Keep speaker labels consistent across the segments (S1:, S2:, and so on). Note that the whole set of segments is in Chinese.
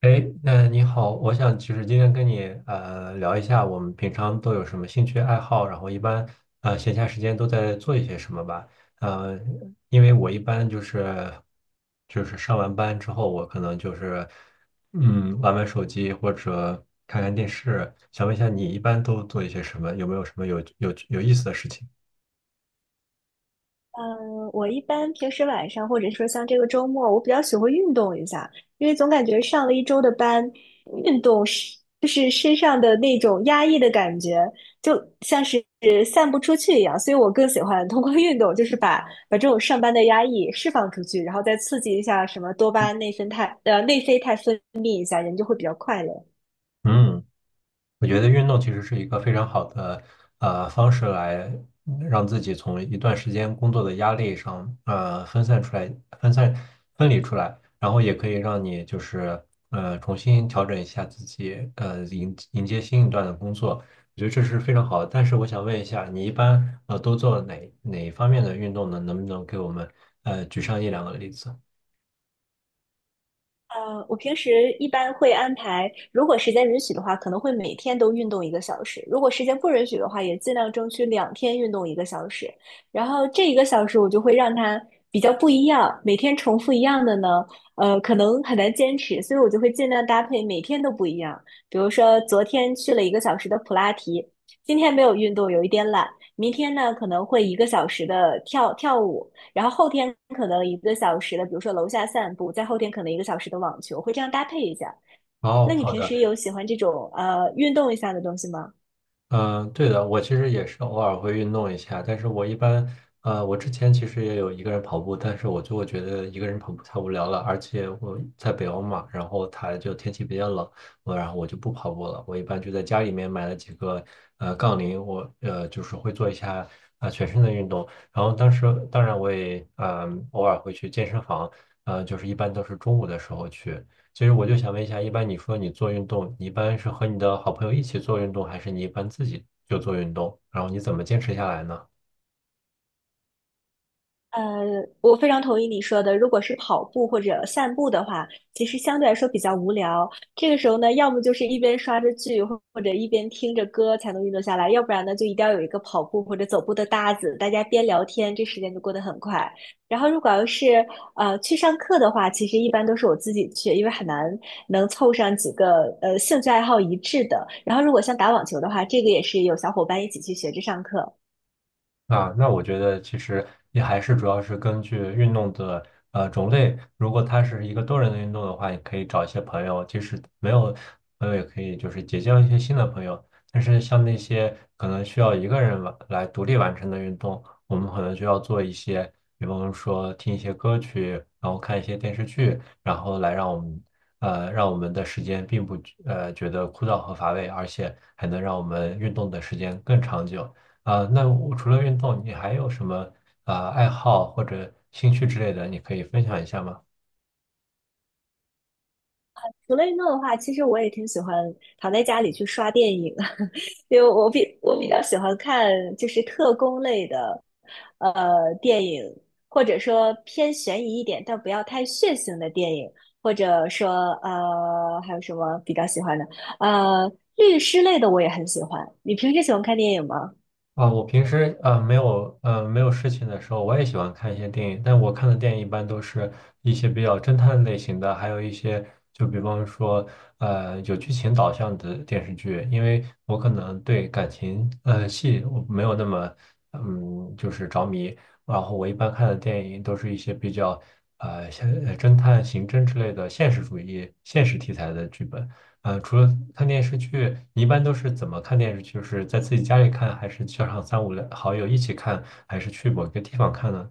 S1: 哎，那你好，我想就是今天跟你聊一下，我们平常都有什么兴趣爱好，然后一般闲暇时间都在做一些什么吧。呃，因为我一般就是上完班之后，我可能就是嗯玩玩手机或者看看电视。想问一下，你一般都做一些什么？有没有什么有意思的事情？
S2: 嗯，我一般平时晚上或者说像这个周末，我比较喜欢运动一下，因为总感觉上了一周的班，运动就是身上的那种压抑的感觉，就像是散不出去一样，所以我更喜欢通过运动，就是把这种上班的压抑释放出去，然后再刺激一下什么多巴胺、内啡肽分泌一下，人就会比较快乐。
S1: 嗯。我觉得运动其实是一个非常好的方式来让自己从一段时间工作的压力上分散出来、分散分离出来，然后也可以让你就是重新调整一下自己迎接新一段的工作，我觉得这是非常好的。但是我想问一下，你一般都做哪一方面的运动呢？能不能给我们举上一两个例子？
S2: 我平时一般会安排，如果时间允许的话，可能会每天都运动一个小时；如果时间不允许的话，也尽量争取两天运动一个小时。然后这一个小时我就会让它比较不一样，每天重复一样的呢，可能很难坚持，所以我就会尽量搭配每天都不一样。比如说昨天去了一个小时的普拉提，今天没有运动，有一点懒。明天呢，可能会一个小时的跳跳舞，然后后天可能一个小时的，比如说楼下散步，再后天可能一个小时的网球，会这样搭配一下。
S1: 哦，
S2: 那你
S1: 好
S2: 平
S1: 的。
S2: 时有喜欢这种运动一下的东西吗？
S1: 嗯，对的，我其实也是偶尔会运动一下，但是我一般，我之前其实也有一个人跑步，但是我就会觉得一个人跑步太无聊了，而且我在北欧嘛，然后它就天气比较冷，然后我就不跑步了，我一般就在家里面买了几个杠铃，我就是会做一下啊、全身的运动，然后当然我也偶尔会去健身房，就是一般都是中午的时候去。其实我就想问一下，一般你说你做运动，你一般是和你的好朋友一起做运动，还是你一般自己就做运动？然后你怎么坚持下来呢？
S2: 呃，我非常同意你说的。如果是跑步或者散步的话，其实相对来说比较无聊。这个时候呢，要么就是一边刷着剧，或者一边听着歌才能运动下来，要不然呢，就一定要有一个跑步或者走步的搭子，大家边聊天，这时间就过得很快。然后，如果要是去上课的话，其实一般都是我自己去，因为很难能凑上几个兴趣爱好一致的。然后，如果像打网球的话，这个也是有小伙伴一起去学着上课。
S1: 啊，那我觉得其实也还是主要是根据运动的种类，如果它是一个多人的运动的话，你可以找一些朋友，即使没有朋友也可以就是结交一些新的朋友。但是像那些可能需要一个人独立完成的运动，我们可能就要做一些，比方说听一些歌曲，然后看一些电视剧，然后来让我们让我们的时间并不觉得枯燥和乏味，而且还能让我们运动的时间更长久。啊、那我除了运动，你还有什么啊、爱好或者兴趣之类的，你可以分享一下吗？
S2: 除了运动的话，其实我也挺喜欢躺在家里去刷电影，因为我比较喜欢看就是特工类的电影，或者说偏悬疑一点，但不要太血腥的电影，或者说还有什么比较喜欢的呃律师类的我也很喜欢。你平时喜欢看电影吗？
S1: 啊，我平时没有事情的时候，我也喜欢看一些电影，但我看的电影一般都是一些比较侦探类型的，还有一些就比方说有剧情导向的电视剧，因为我可能对感情戏我没有那么嗯就是着迷，然后我一般看的电影都是一些比较呃像呃侦探、刑侦之类的现实主义、现实题材的剧本。除了看电视剧，你一般都是怎么看电视剧？就是在自己家里看，还是叫上三五好友一起看，还是去某个地方看呢？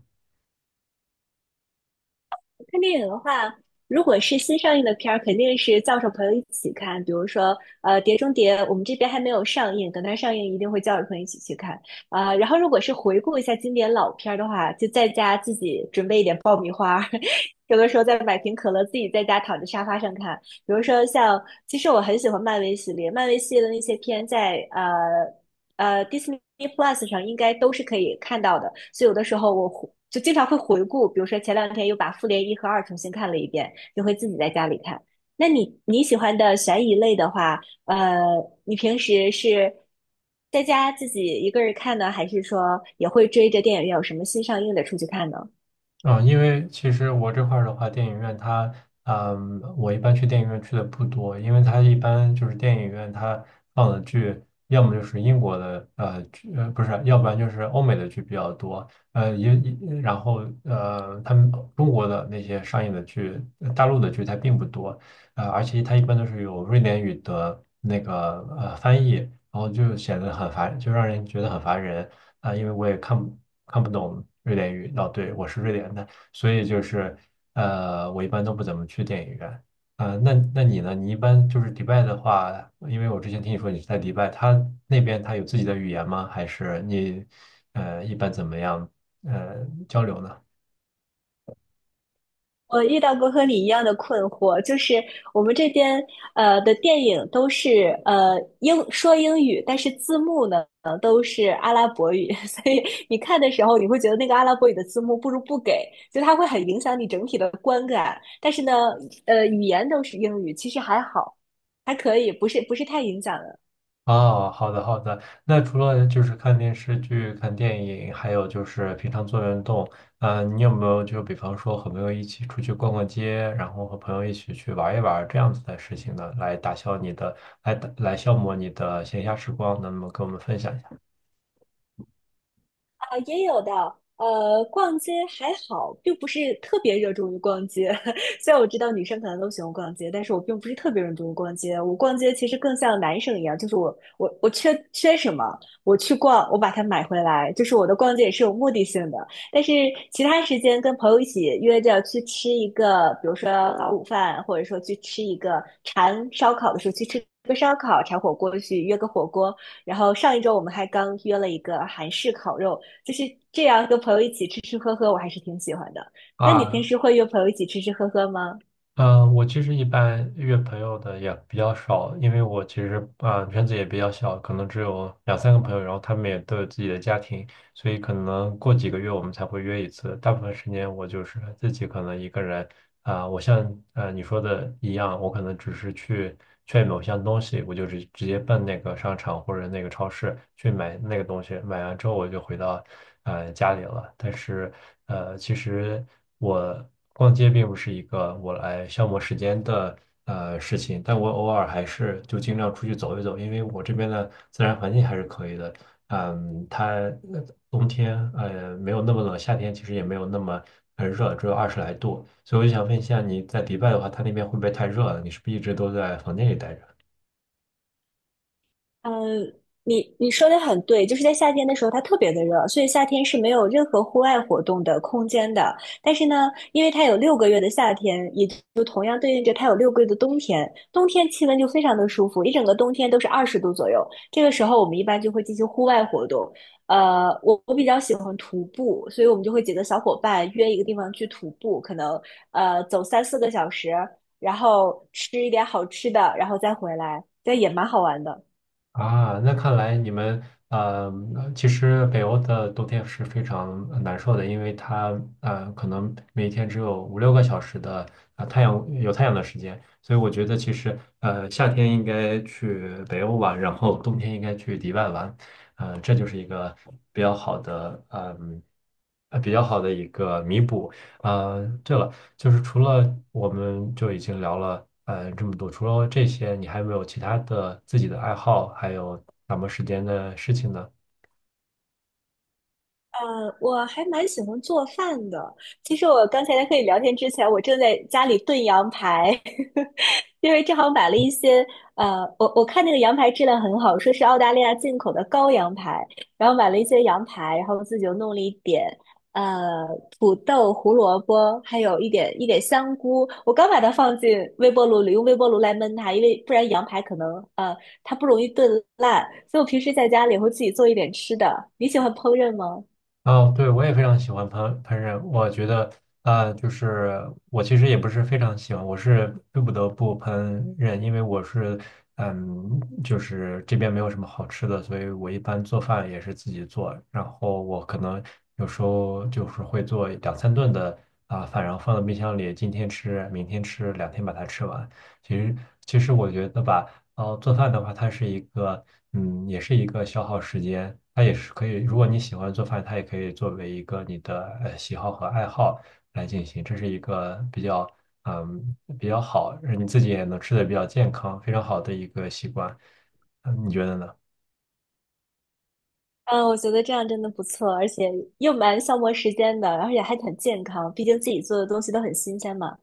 S2: 看电影的话，如果是新上映的片儿，肯定是叫上朋友一起看。比如说，碟中谍》，我们这边还没有上映，等它上映一定会叫着朋友一起去看。啊、然后如果是回顾一下经典老片儿的话，就在家自己准备一点爆米花儿，有的时候再买瓶可乐，自己在家躺在沙发上看。比如说像，其实我很喜欢漫威系列，漫威系列的那些片在Disney Plus 上应该都是可以看到的，所以有的时候我回就经常会回顾，比如说前两天又把《复联一》和《二》重新看了一遍，就会自己在家里看。那你喜欢的悬疑类的话，呃，你平时是在家自己一个人看呢，还是说也会追着电影院有什么新上映的出去看呢？
S1: 嗯，因为其实我这块儿的话，电影院它，嗯，我一般去电影院去的不多，因为它一般就是电影院它放的剧，要么就是英国的剧，呃不是，要不然就是欧美的剧比较多，呃也也然后呃他们中国的那些上映的剧，大陆的剧它并不多，而且它一般都是有瑞典语的那个翻译，然后就显得很烦，就让人觉得很烦人。啊、因为我也看不懂瑞典语。哦，对，我是瑞典的，所以就是我一般都不怎么去电影院。啊、那那你呢？你一般就是迪拜的话，因为我之前听你说你是在迪拜，他那边他有自己的语言吗？还是你一般怎么样呃交流呢？
S2: 我遇到过和你一样的困惑，就是我们这边的电影都是说英语，但是字幕呢都是阿拉伯语，所以你看的时候你会觉得那个阿拉伯语的字幕不如不给，就它会很影响你整体的观感。但是呢，语言都是英语，其实还好，还可以，不是太影响。
S1: 哦，好的好的。那除了就是看电视剧、看电影，还有就是平常做运动，你有没有就比方说和朋友一起出去逛逛街，然后和朋友一起去玩一玩这样子的事情呢，来消磨你的闲暇时光呢？那么跟我们分享一下。
S2: 啊，也有的。逛街还好，并不是特别热衷于逛街。虽然我知道女生可能都喜欢逛街，但是我并不是特别热衷于逛街。我逛街其实更像男生一样，就是我缺什么，我去逛，我把它买回来。就是我的逛街也是有目的性的。但是其他时间跟朋友一起约着去吃一个，比如说早午饭，或者说去吃一个馋烧烤的时候去吃个烧烤，馋火锅去约个火锅。然后上一周我们还刚约了一个韩式烤肉。就是这样跟朋友一起吃吃喝喝，我还是挺喜欢的。那你平
S1: 啊，
S2: 时会约朋友一起吃吃喝喝吗？
S1: 嗯，我其实一般约朋友的也比较少，因为我其实啊、圈子也比较小，可能只有2、3个朋友，然后他们也都有自己的家庭，所以可能过几个月我们才会约一次。大部分时间我就是自己可能一个人，啊、我像你说的一样，我可能只是去劝某项东西，我就直接奔那个商场或者那个超市去买那个东西，买完之后我就回到家里了。但是其实我逛街并不是一个我来消磨时间的。事情，但我偶尔还是就尽量出去走一走，因为我这边的自然环境还是可以的。嗯，它冬天没有那么冷，夏天其实也没有那么很热，只有20来度。所以我就想问一下，你在迪拜的话，它那边会不会太热了？你是不是一直都在房间里待着？
S2: 嗯，你说的很对，就是在夏天的时候，它特别的热，所以夏天是没有任何户外活动的空间的。但是呢，因为它有六个月的夏天，也就同样对应着它有六个月的冬天。冬天气温就非常的舒服，一整个冬天都是20度左右。这个时候，我们一般就会进行户外活动。我比较喜欢徒步，所以我们就会几个小伙伴约一个地方去徒步，可能走3、4个小时，然后吃一点好吃的，然后再回来，这也蛮好玩的。
S1: 啊，那看来你们呃，其实北欧的冬天是非常难受的，因为它可能每天只有5、6个小时的啊、太阳有太阳的时间，所以我觉得其实夏天应该去北欧玩，然后冬天应该去迪拜玩，这就是一个比较好的一个弥补。对了，就是除了我们已经聊了这么多，除了这些，你还有没有其他的自己的爱好，还有打磨时间的事情呢？
S2: 我还蛮喜欢做饭的。其实我刚才在和你聊天之前，我正在家里炖羊排，因为正好买了一些，我看那个羊排质量很好，说是澳大利亚进口的羔羊排，然后买了一些羊排，然后自己又弄了一点，呃，土豆、胡萝卜，还有一点香菇。我刚把它放进微波炉里，用微波炉来焖它，因为不然羊排可能，呃，它不容易炖烂。所以我平时在家里会自己做一点吃的。你喜欢烹饪吗？
S1: 哦，对，我也非常喜欢烹饪。我觉得，啊，就是我其实也不是非常喜欢，我是不得不烹饪，因为我是，嗯，就是这边没有什么好吃的，所以我一般做饭也是自己做。然后我可能有时候就是会做2、3顿的啊、饭，然后放到冰箱里，今天吃，明天吃，两天把它吃完。其实，其实我觉得吧。然后做饭的话，它是一个，嗯，也是一个消耗时间，它也是可以，如果你喜欢做饭，它也可以作为一个你的喜好和爱好来进行，这是一个比较，嗯，比较好，让你自己也能吃的比较健康，非常好的一个习惯，嗯，你觉得呢？
S2: 嗯，我觉得这样真的不错，而且又蛮消磨时间的，而且还很健康，毕竟自己做的东西都很新鲜嘛。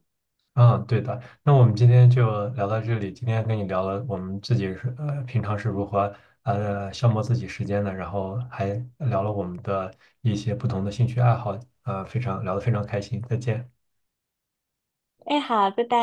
S1: 嗯，对的。那我们今天就聊到这里。今天跟你聊了我们自己是平常是如何消磨自己时间的，然后还聊了我们的一些不同的兴趣爱好，非常聊得非常开心。再见。
S2: 哎，好，拜拜。